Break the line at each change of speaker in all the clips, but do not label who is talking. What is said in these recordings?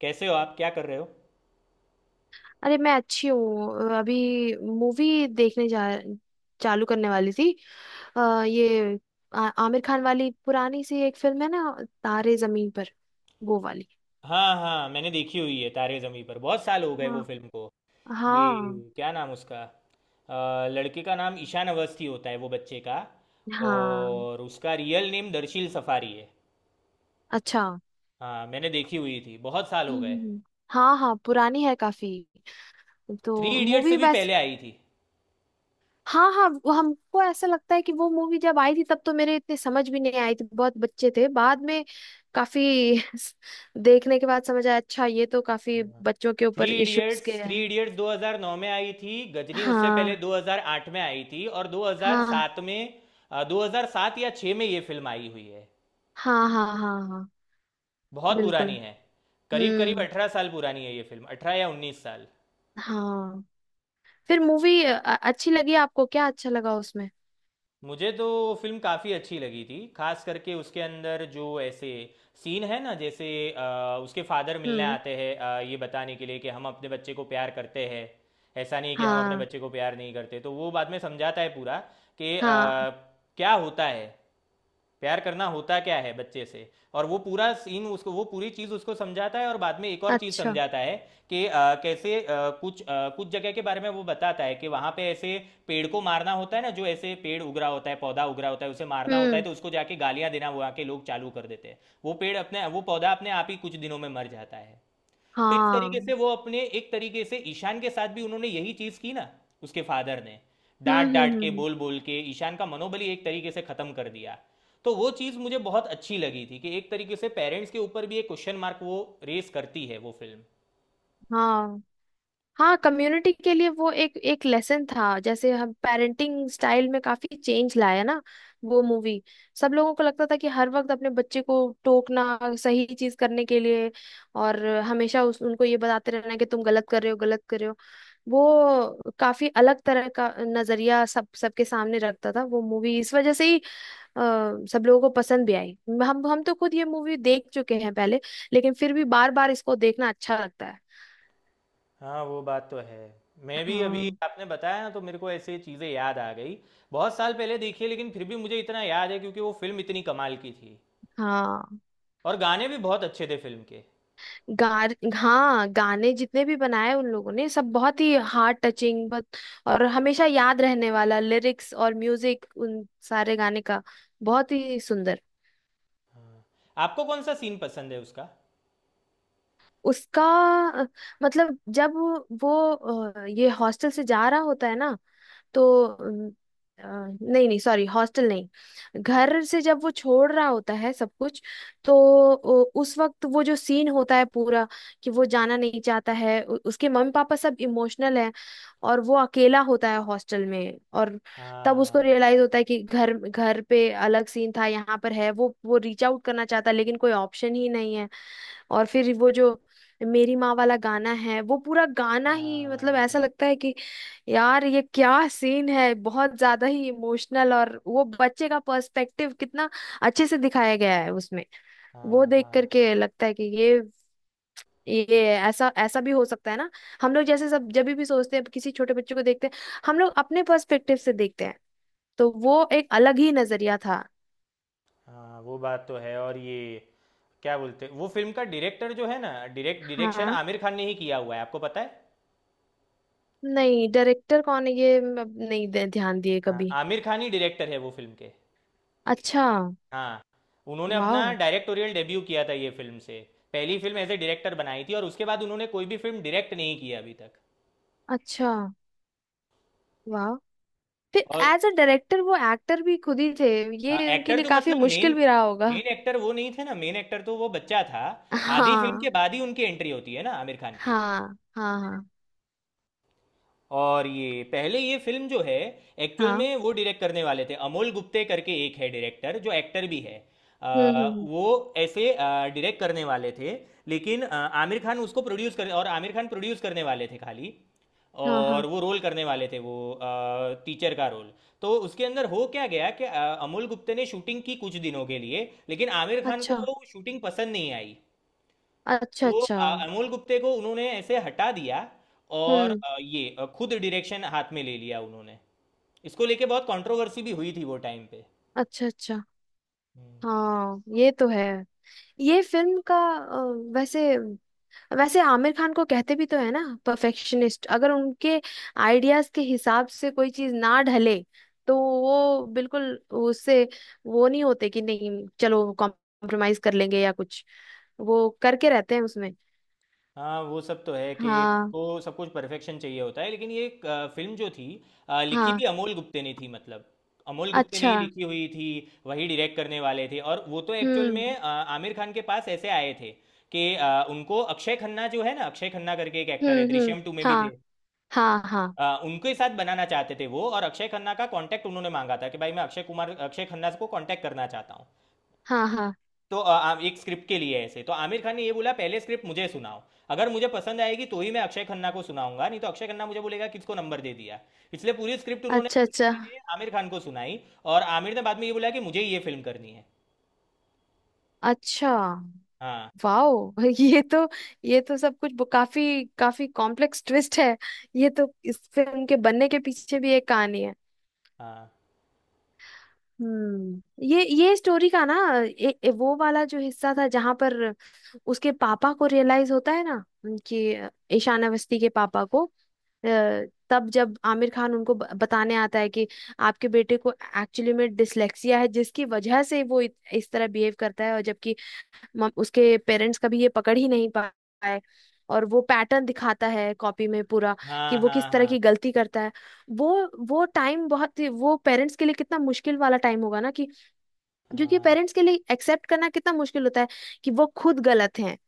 कैसे हो आप क्या कर रहे हो।
अरे मैं अच्छी हूँ, अभी मूवी देखने जा चालू करने वाली थी। ये आमिर खान वाली पुरानी सी एक फिल्म है ना, तारे जमीन पर, वो वाली।
हाँ हाँ, मैंने देखी हुई है, तारे ज़मीं पर। बहुत साल हो गए वो
हाँ,
फिल्म को। ये
हाँ।
क्या नाम उसका? लड़के का नाम ईशान अवस्थी होता है वो बच्चे का।
हाँ।
और उसका रियल नेम दर्शील सफारी है।
अच्छा, हम्म।
हाँ मैंने देखी हुई थी, बहुत साल हो
हम्म,
गए।
हम्म। हाँ हाँ, पुरानी है काफी। तो
थ्री इडियट्स से
मूवी
भी
वैसे,
पहले आई थी।
हाँ हाँ, वो हमको ऐसा लगता है कि वो मूवी जब आई थी तब तो मेरे इतने समझ भी नहीं आई थी, बहुत बच्चे थे। बाद में काफी देखने के बाद समझ आया, अच्छा ये तो काफी बच्चों के
थ्री
ऊपर इश्यूज
इडियट्स
के
थ्री
हैं।
इडियट्स 2009 में आई थी, गजनी उससे पहले
हाँ
2008 में आई थी, और
हाँ
2007 में, 2007 या 6 में ये फिल्म आई हुई है।
हाँ हाँ। हाँ हाँ।
बहुत पुरानी
बिल्कुल।
है। करीब करीब
हम्म।
18 साल पुरानी है ये फिल्म, 18 या 19 साल।
हाँ। फिर मूवी अच्छी लगी आपको, क्या अच्छा लगा उसमें?
मुझे तो वो फिल्म काफ़ी अच्छी लगी थी, खास करके उसके अंदर जो ऐसे सीन है ना, जैसे उसके फादर मिलने
हम्म।
आते हैं, ये बताने के लिए कि हम अपने बच्चे को प्यार करते हैं। ऐसा नहीं कि हम अपने
हाँ।
बच्चे को प्यार नहीं करते, तो वो बाद में समझाता है पूरा कि
हाँ।
क्या होता है, प्यार करना होता क्या है बच्चे से। और वो पूरा सीन, उसको वो पूरी चीज़ उसको समझाता है, और बाद में एक और चीज़
अच्छा।
समझाता है कि कैसे कुछ कुछ जगह के बारे में वो बताता है कि वहां पे ऐसे पेड़ को मारना होता है ना, जो ऐसे पेड़ उगरा होता है, पौधा उगरा होता है, उसे मारना होता है,
हम्म।
तो उसको जाके गालियां देना वहाँ के लोग चालू कर देते हैं। वो पेड़ अपने, वो पौधा अपने आप ही कुछ दिनों में मर जाता है। तो इस तरीके से
हाँ।
वो अपने, एक तरीके से ईशान के साथ भी उन्होंने यही चीज की ना, उसके फादर ने। डांट डांट के,
हम्म।
बोल बोल के ईशान का मनोबल ही एक तरीके से खत्म कर दिया। तो वो चीज मुझे बहुत अच्छी लगी थी कि एक तरीके से पेरेंट्स के ऊपर भी एक क्वेश्चन मार्क वो रेस करती है वो फिल्म।
हाँ हाँ, कम्युनिटी के लिए वो एक एक लेसन था, जैसे हम पेरेंटिंग स्टाइल में काफी चेंज लाया ना वो मूवी। सब लोगों को लगता था कि हर वक्त अपने बच्चे को टोकना सही चीज करने के लिए, और हमेशा उनको ये बताते रहना कि तुम गलत कर रहे हो, गलत कर रहे हो। वो काफी अलग तरह का नजरिया सब सबके सामने रखता था वो मूवी, इस वजह से ही अ, सब लोगों को पसंद भी आई। हम तो खुद ये मूवी देख चुके हैं पहले, लेकिन फिर भी बार बार इसको देखना अच्छा लगता है।
हाँ वो बात तो है। मैं भी अभी
हाँ।
आपने बताया ना, तो मेरे को ऐसे चीज़ें याद आ गई। बहुत साल पहले देखी है, लेकिन फिर भी मुझे इतना याद है क्योंकि वो फिल्म इतनी कमाल की थी।
हाँ।
और गाने भी बहुत अच्छे थे फिल्म के।
गार, हाँ, गाने जितने भी बनाए उन लोगों ने, सब बहुत ही हार्ट टचिंग, बहुत। और हमेशा याद रहने वाला लिरिक्स और म्यूजिक उन सारे गाने का, बहुत ही सुंदर।
हाँ, आपको कौन सा सीन पसंद है उसका?
उसका अ, मतलब जब वो ये हॉस्टल से जा रहा होता है ना, तो अ, नहीं नहीं, सॉरी, हॉस्टल नहीं, घर से जब वो छोड़ रहा होता है सब कुछ, तो उस वक्त वो जो सीन होता है पूरा, कि वो जाना नहीं चाहता है, उसके मम्मी पापा सब इमोशनल है, और वो अकेला होता है हॉस्टल में। और तब उसको
हाँ
रियलाइज होता है कि घर घर पे अलग सीन था, यहाँ पर है, वो रीच आउट करना चाहता है लेकिन कोई ऑप्शन ही नहीं है। और फिर वो जो मेरी माँ वाला गाना है, वो पूरा गाना ही मतलब
हाँ हाँ
ऐसा लगता है कि यार ये क्या सीन है, बहुत ज्यादा ही इमोशनल। और वो बच्चे का पर्सपेक्टिव कितना अच्छे से दिखाया गया है उसमें। वो
हाँ।
देख
हाँ
करके लगता है कि ये ऐसा ऐसा भी हो सकता है ना। हम लोग जैसे सब, जब भी सोचते हैं किसी छोटे बच्चे को देखते हैं, हम लोग अपने पर्सपेक्टिव से देखते हैं, तो वो एक अलग ही नजरिया था।
हाँ, वो बात तो है। और ये क्या बोलते, वो फिल्म का डायरेक्टर जो है ना, डायरेक्ट डायरेक्शन
हाँ,
आमिर खान ने ही किया हुआ है, आपको पता है?
नहीं, डायरेक्टर कौन है ये मैं अब नहीं ध्यान दिए
हाँ,
कभी।
आमिर खान ही डायरेक्टर है वो फिल्म के।
अच्छा।
हाँ। उन्होंने अपना
वाओ।
डायरेक्टोरियल डेब्यू किया था ये फिल्म से। पहली फिल्म एज ए डायरेक्टर बनाई थी, और उसके बाद उन्होंने कोई भी फिल्म डायरेक्ट नहीं की अभी तक।
अच्छा, वाह, फिर
और
एज अ डायरेक्टर वो एक्टर भी खुद ही थे,
हाँ,
ये उनके
एक्टर
लिए
तो
काफी
मतलब मेन
मुश्किल भी रहा होगा।
मेन एक्टर वो नहीं थे ना, मेन एक्टर तो वो बच्चा था। आधी फिल्म
हाँ
के बाद ही उनकी एंट्री होती है ना आमिर खान की।
हाँ हाँ हाँ।
और ये पहले, ये फिल्म जो है, एक्चुअल
हाँ।
में वो डायरेक्ट करने वाले थे अमोल गुप्ते करके, एक है डायरेक्टर जो एक्टर भी है।
हम्म।
वो ऐसे डायरेक्ट करने वाले थे, लेकिन आमिर खान उसको प्रोड्यूस कर, और आमिर खान प्रोड्यूस करने वाले थे खाली।
हाँ हाँ।
और वो रोल करने वाले थे, वो टीचर का रोल। तो उसके अंदर हो क्या गया कि अमोल गुप्ते ने शूटिंग की कुछ दिनों के लिए, लेकिन आमिर खान को
अच्छा
वो शूटिंग पसंद नहीं आई।
अच्छा।
तो
अच्छा।
अमोल गुप्ते को उन्होंने ऐसे हटा दिया, और
हम्म।
ये खुद डायरेक्शन हाथ में ले लिया उन्होंने। इसको लेके बहुत कंट्रोवर्सी भी हुई थी वो टाइम पे।
अच्छा अच्छा।
हम्म।
हाँ, ये तो है। ये फिल्म का वैसे, वैसे आमिर खान को कहते भी तो है ना, परफेक्शनिस्ट। अगर उनके आइडियाज के हिसाब से कोई चीज ना ढले, तो वो बिल्कुल उससे, वो नहीं होते कि नहीं चलो कॉम्प्रोमाइज कर लेंगे या कुछ, वो करके रहते हैं उसमें।
हाँ वो सब तो है कि
हाँ।
उनको सब कुछ परफेक्शन चाहिए होता है। लेकिन ये फिल्म जो थी, लिखी
हाँ।
भी अमोल गुप्ते ने थी, मतलब अमोल गुप्ते ने
अच्छा।
ही लिखी हुई थी। वही डायरेक्ट करने वाले थे। और वो तो एक्चुअल
हम्म
में आमिर खान के पास ऐसे आए थे कि उनको अक्षय खन्ना जो है ना, अक्षय खन्ना करके एक एक्टर है,
हम्म।
दृश्यम टू में भी
हाँ
थे,
हाँ हाँ।
उनके साथ बनाना चाहते थे वो। और अक्षय खन्ना का कांटेक्ट उन्होंने मांगा था कि भाई, मैं अक्षय कुमार, अक्षय खन्ना को कांटेक्ट करना चाहता हूँ।
हाँ हाँ।
तो एक स्क्रिप्ट के लिए। ऐसे तो आमिर खान ने ये बोला, पहले स्क्रिप्ट मुझे सुनाओ, अगर मुझे पसंद आएगी तो ही मैं अक्षय खन्ना को सुनाऊंगा, नहीं तो अक्षय खन्ना मुझे बोलेगा किसको नंबर दे दिया। इसलिए पूरी स्क्रिप्ट उन्होंने
अच्छा
आमिर खान
अच्छा।
के लिए, आमिर खान को सुनाई। और आमिर ने बाद में ये बोला कि मुझे ये फिल्म करनी है।
अच्छा।
हाँ
वाओ ये तो, ये तो सब कुछ काफी काफी कॉम्प्लेक्स ट्विस्ट है। ये तो इस फिल्म के बनने के पीछे भी एक कहानी है।
हाँ
हम्म, ये स्टोरी का ना ए, वो वाला जो हिस्सा था जहां पर उसके पापा को रियलाइज होता है ना, कि ईशान अवस्थी के पापा को, तब जब आमिर खान उनको बताने आता है कि आपके बेटे को एक्चुअली में डिसलेक्सिया है, जिसकी वजह से वो इस तरह बिहेव करता है, और जबकि उसके पेरेंट्स कभी ये पकड़ ही नहीं पाए। और वो पैटर्न दिखाता है कॉपी में पूरा, कि
हाँ
वो
हाँ।
किस तरह
हाँ
की गलती करता है। वो वो टाइम बहुत ही, वो पेरेंट्स के लिए कितना मुश्किल वाला टाइम होगा ना। कि क्योंकि
हाँ
पेरेंट्स के लिए एक्सेप्ट करना कितना मुश्किल होता है कि वो खुद गलत हैं।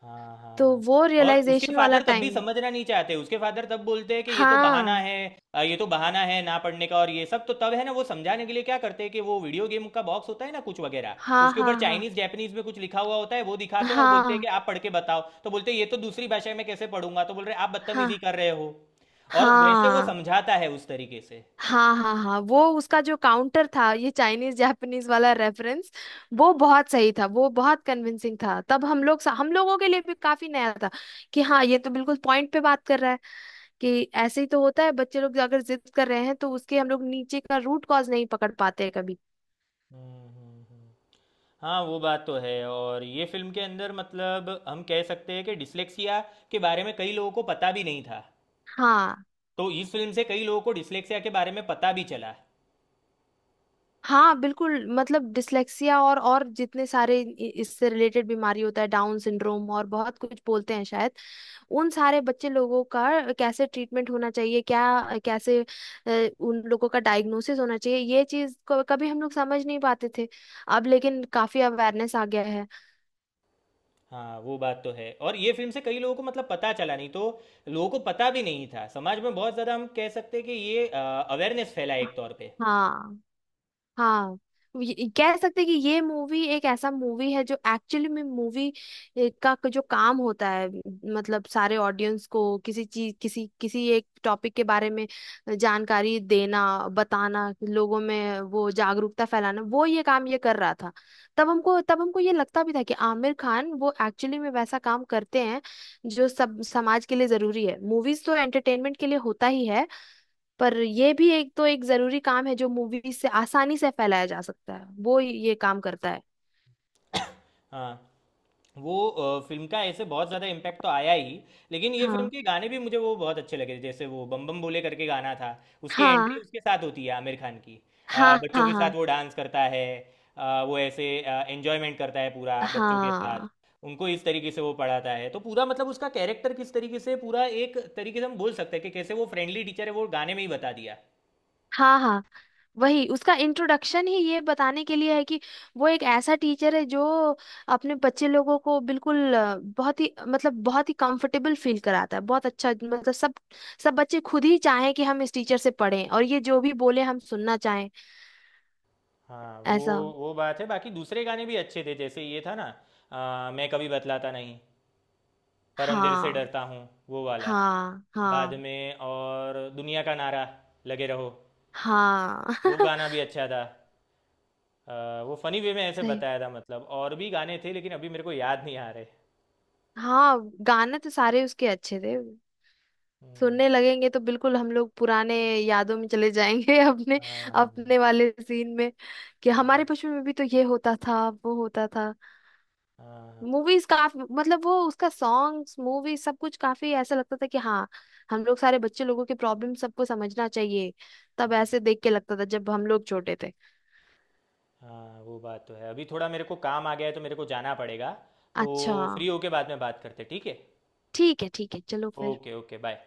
हाँ, हाँ,
तो
हाँ।
वो
और उसके
रियलाइजेशन वाला
फादर तब
टाइम।
भी समझना नहीं चाहते, उसके फादर तब बोलते हैं कि ये तो बहाना
हाँ।
है, ये तो बहाना है ना पढ़ने का। और ये सब तो तब है ना, वो समझाने के लिए क्या करते हैं कि वो वीडियो गेम का बॉक्स होता है ना कुछ वगैरह,
हाँ
उसके
हाँ
ऊपर
हाँ।
चाइनीज जैपनीज में कुछ लिखा हुआ होता है, वो दिखाते हैं और बोलते हैं कि
हाँ।
आप पढ़ के बताओ। तो बोलते हैं, ये तो दूसरी भाषा में कैसे पढ़ूंगा। तो बोल रहे हैं, आप
हाँ
बदतमीजी कर रहे हो। और वैसे वो
हाँ
समझाता है उस तरीके से।
हाँ, हाँ हाँ वो उसका जो काउंटर था, ये चाइनीज जापानीज वाला रेफरेंस, वो बहुत सही था, वो बहुत कन्विंसिंग था। तब हम लोग, हम लोगों के लिए भी काफी नया था, कि हाँ, ये तो बिल्कुल पॉइंट पे बात कर रहा है। कि ऐसे ही तो होता है, बच्चे लोग अगर जिद कर रहे हैं तो उसके हम लोग नीचे का रूट कॉज नहीं पकड़ पाते हैं कभी।
हम्म, हम्म, हम्म। हाँ वो बात तो है। और ये फिल्म के अंदर मतलब हम कह सकते हैं कि डिस्लेक्सिया के बारे में कई लोगों को पता भी नहीं था,
हाँ।
तो इस फिल्म से कई लोगों को डिस्लेक्सिया के बारे में पता भी चला।
हाँ, बिल्कुल, मतलब डिसलेक्सिया और जितने सारे इससे रिलेटेड बीमारी होता है, डाउन सिंड्रोम और बहुत कुछ बोलते हैं शायद, उन सारे बच्चे लोगों का कैसे ट्रीटमेंट होना चाहिए, क्या कैसे उन लोगों का डायग्नोसिस होना चाहिए, ये चीज को कभी हम लोग समझ नहीं पाते थे। अब लेकिन काफी अवेयरनेस आ गया है।
हाँ वो बात तो है, और ये फिल्म से कई लोगों को मतलब पता चला, नहीं तो लोगों को पता भी नहीं था। समाज में बहुत ज़्यादा हम कह सकते हैं कि ये अवेयरनेस फैला एक तौर पे।
हाँ। हाँ। कह सकते हैं कि ये मूवी एक ऐसा मूवी है जो एक्चुअली में मूवी का जो काम होता है, मतलब सारे ऑडियंस को किसी चीज किसी किसी एक टॉपिक के बारे में जानकारी देना, बताना, लोगों में वो जागरूकता फैलाना, वो ये काम ये कर रहा था। तब हमको, तब हमको ये लगता भी था कि आमिर खान वो एक्चुअली में वैसा काम करते हैं जो सब समाज के लिए जरूरी है। मूवीज तो एंटरटेनमेंट के लिए होता ही है, पर ये भी एक तो एक जरूरी काम है जो मूवी से आसानी से फैलाया जा सकता है, वो ये काम करता है।
हाँ, वो फिल्म का ऐसे बहुत ज़्यादा इम्पैक्ट तो आया ही। लेकिन ये फिल्म
हाँ
के गाने भी मुझे वो बहुत अच्छे लगे, जैसे वो बम बम बोले करके गाना था, उसकी एंट्री
हाँ
उसके साथ होती है आमिर खान की।
हाँ
बच्चों
हाँ।
के साथ
हाँ
वो डांस करता है, वो ऐसे एंजॉयमेंट करता है पूरा बच्चों के साथ,
हाँ
उनको इस तरीके से वो पढ़ाता है। तो पूरा मतलब उसका कैरेक्टर किस तरीके से, पूरा एक तरीके से हम बोल सकते हैं कि कैसे वो फ्रेंडली टीचर है, वो गाने में ही बता दिया।
हाँ हाँ। वही उसका इंट्रोडक्शन ही ये बताने के लिए है कि वो एक ऐसा टीचर है जो अपने बच्चे लोगों को बिल्कुल, बहुत ही, मतलब बहुत ही कंफर्टेबल फील कराता है। बहुत अच्छा मतलब, सब सब बच्चे खुद ही चाहें कि हम इस टीचर से पढ़ें, और ये जो भी बोले हम सुनना चाहें,
हाँ वो
ऐसा।
वो बात है। बाकी दूसरे गाने भी अच्छे थे, जैसे ये था ना, मैं कभी बतलाता नहीं, पर अंधेरे से
हाँ।
डरता हूँ, वो वाला।
हाँ
बाद
हाँ
में और दुनिया का नारा, लगे रहो,
हाँ
वो गाना भी अच्छा था। वो फनी वे में ऐसे
सही।
बताया था मतलब। और भी गाने थे लेकिन अभी मेरे को याद नहीं आ रहे।
हाँ, गाने तो सारे उसके अच्छे थे।
हम्म।
सुनने लगेंगे तो बिल्कुल हम लोग पुराने यादों में चले जाएंगे अपने,
हाँ हाँ
अपने वाले सीन में, कि हमारे बचपन में भी तो ये होता था वो होता था।
हाँ हाँ।
मूवीज काफी, मतलब वो उसका सॉन्ग्स, मूवी सब कुछ काफी ऐसा लगता था कि हाँ, हम लोग सारे बच्चे लोगों के प्रॉब्लम सबको समझना चाहिए। तब ऐसे देख के लगता था जब हम लोग छोटे थे।
हाँ, वो बात तो है। अभी थोड़ा मेरे को काम आ गया है, तो मेरे को जाना पड़ेगा। तो
अच्छा।
फ्री होके बाद में बात करते, ठीक है?
ठीक है ठीक है, चलो फिर।
Okay okay bye.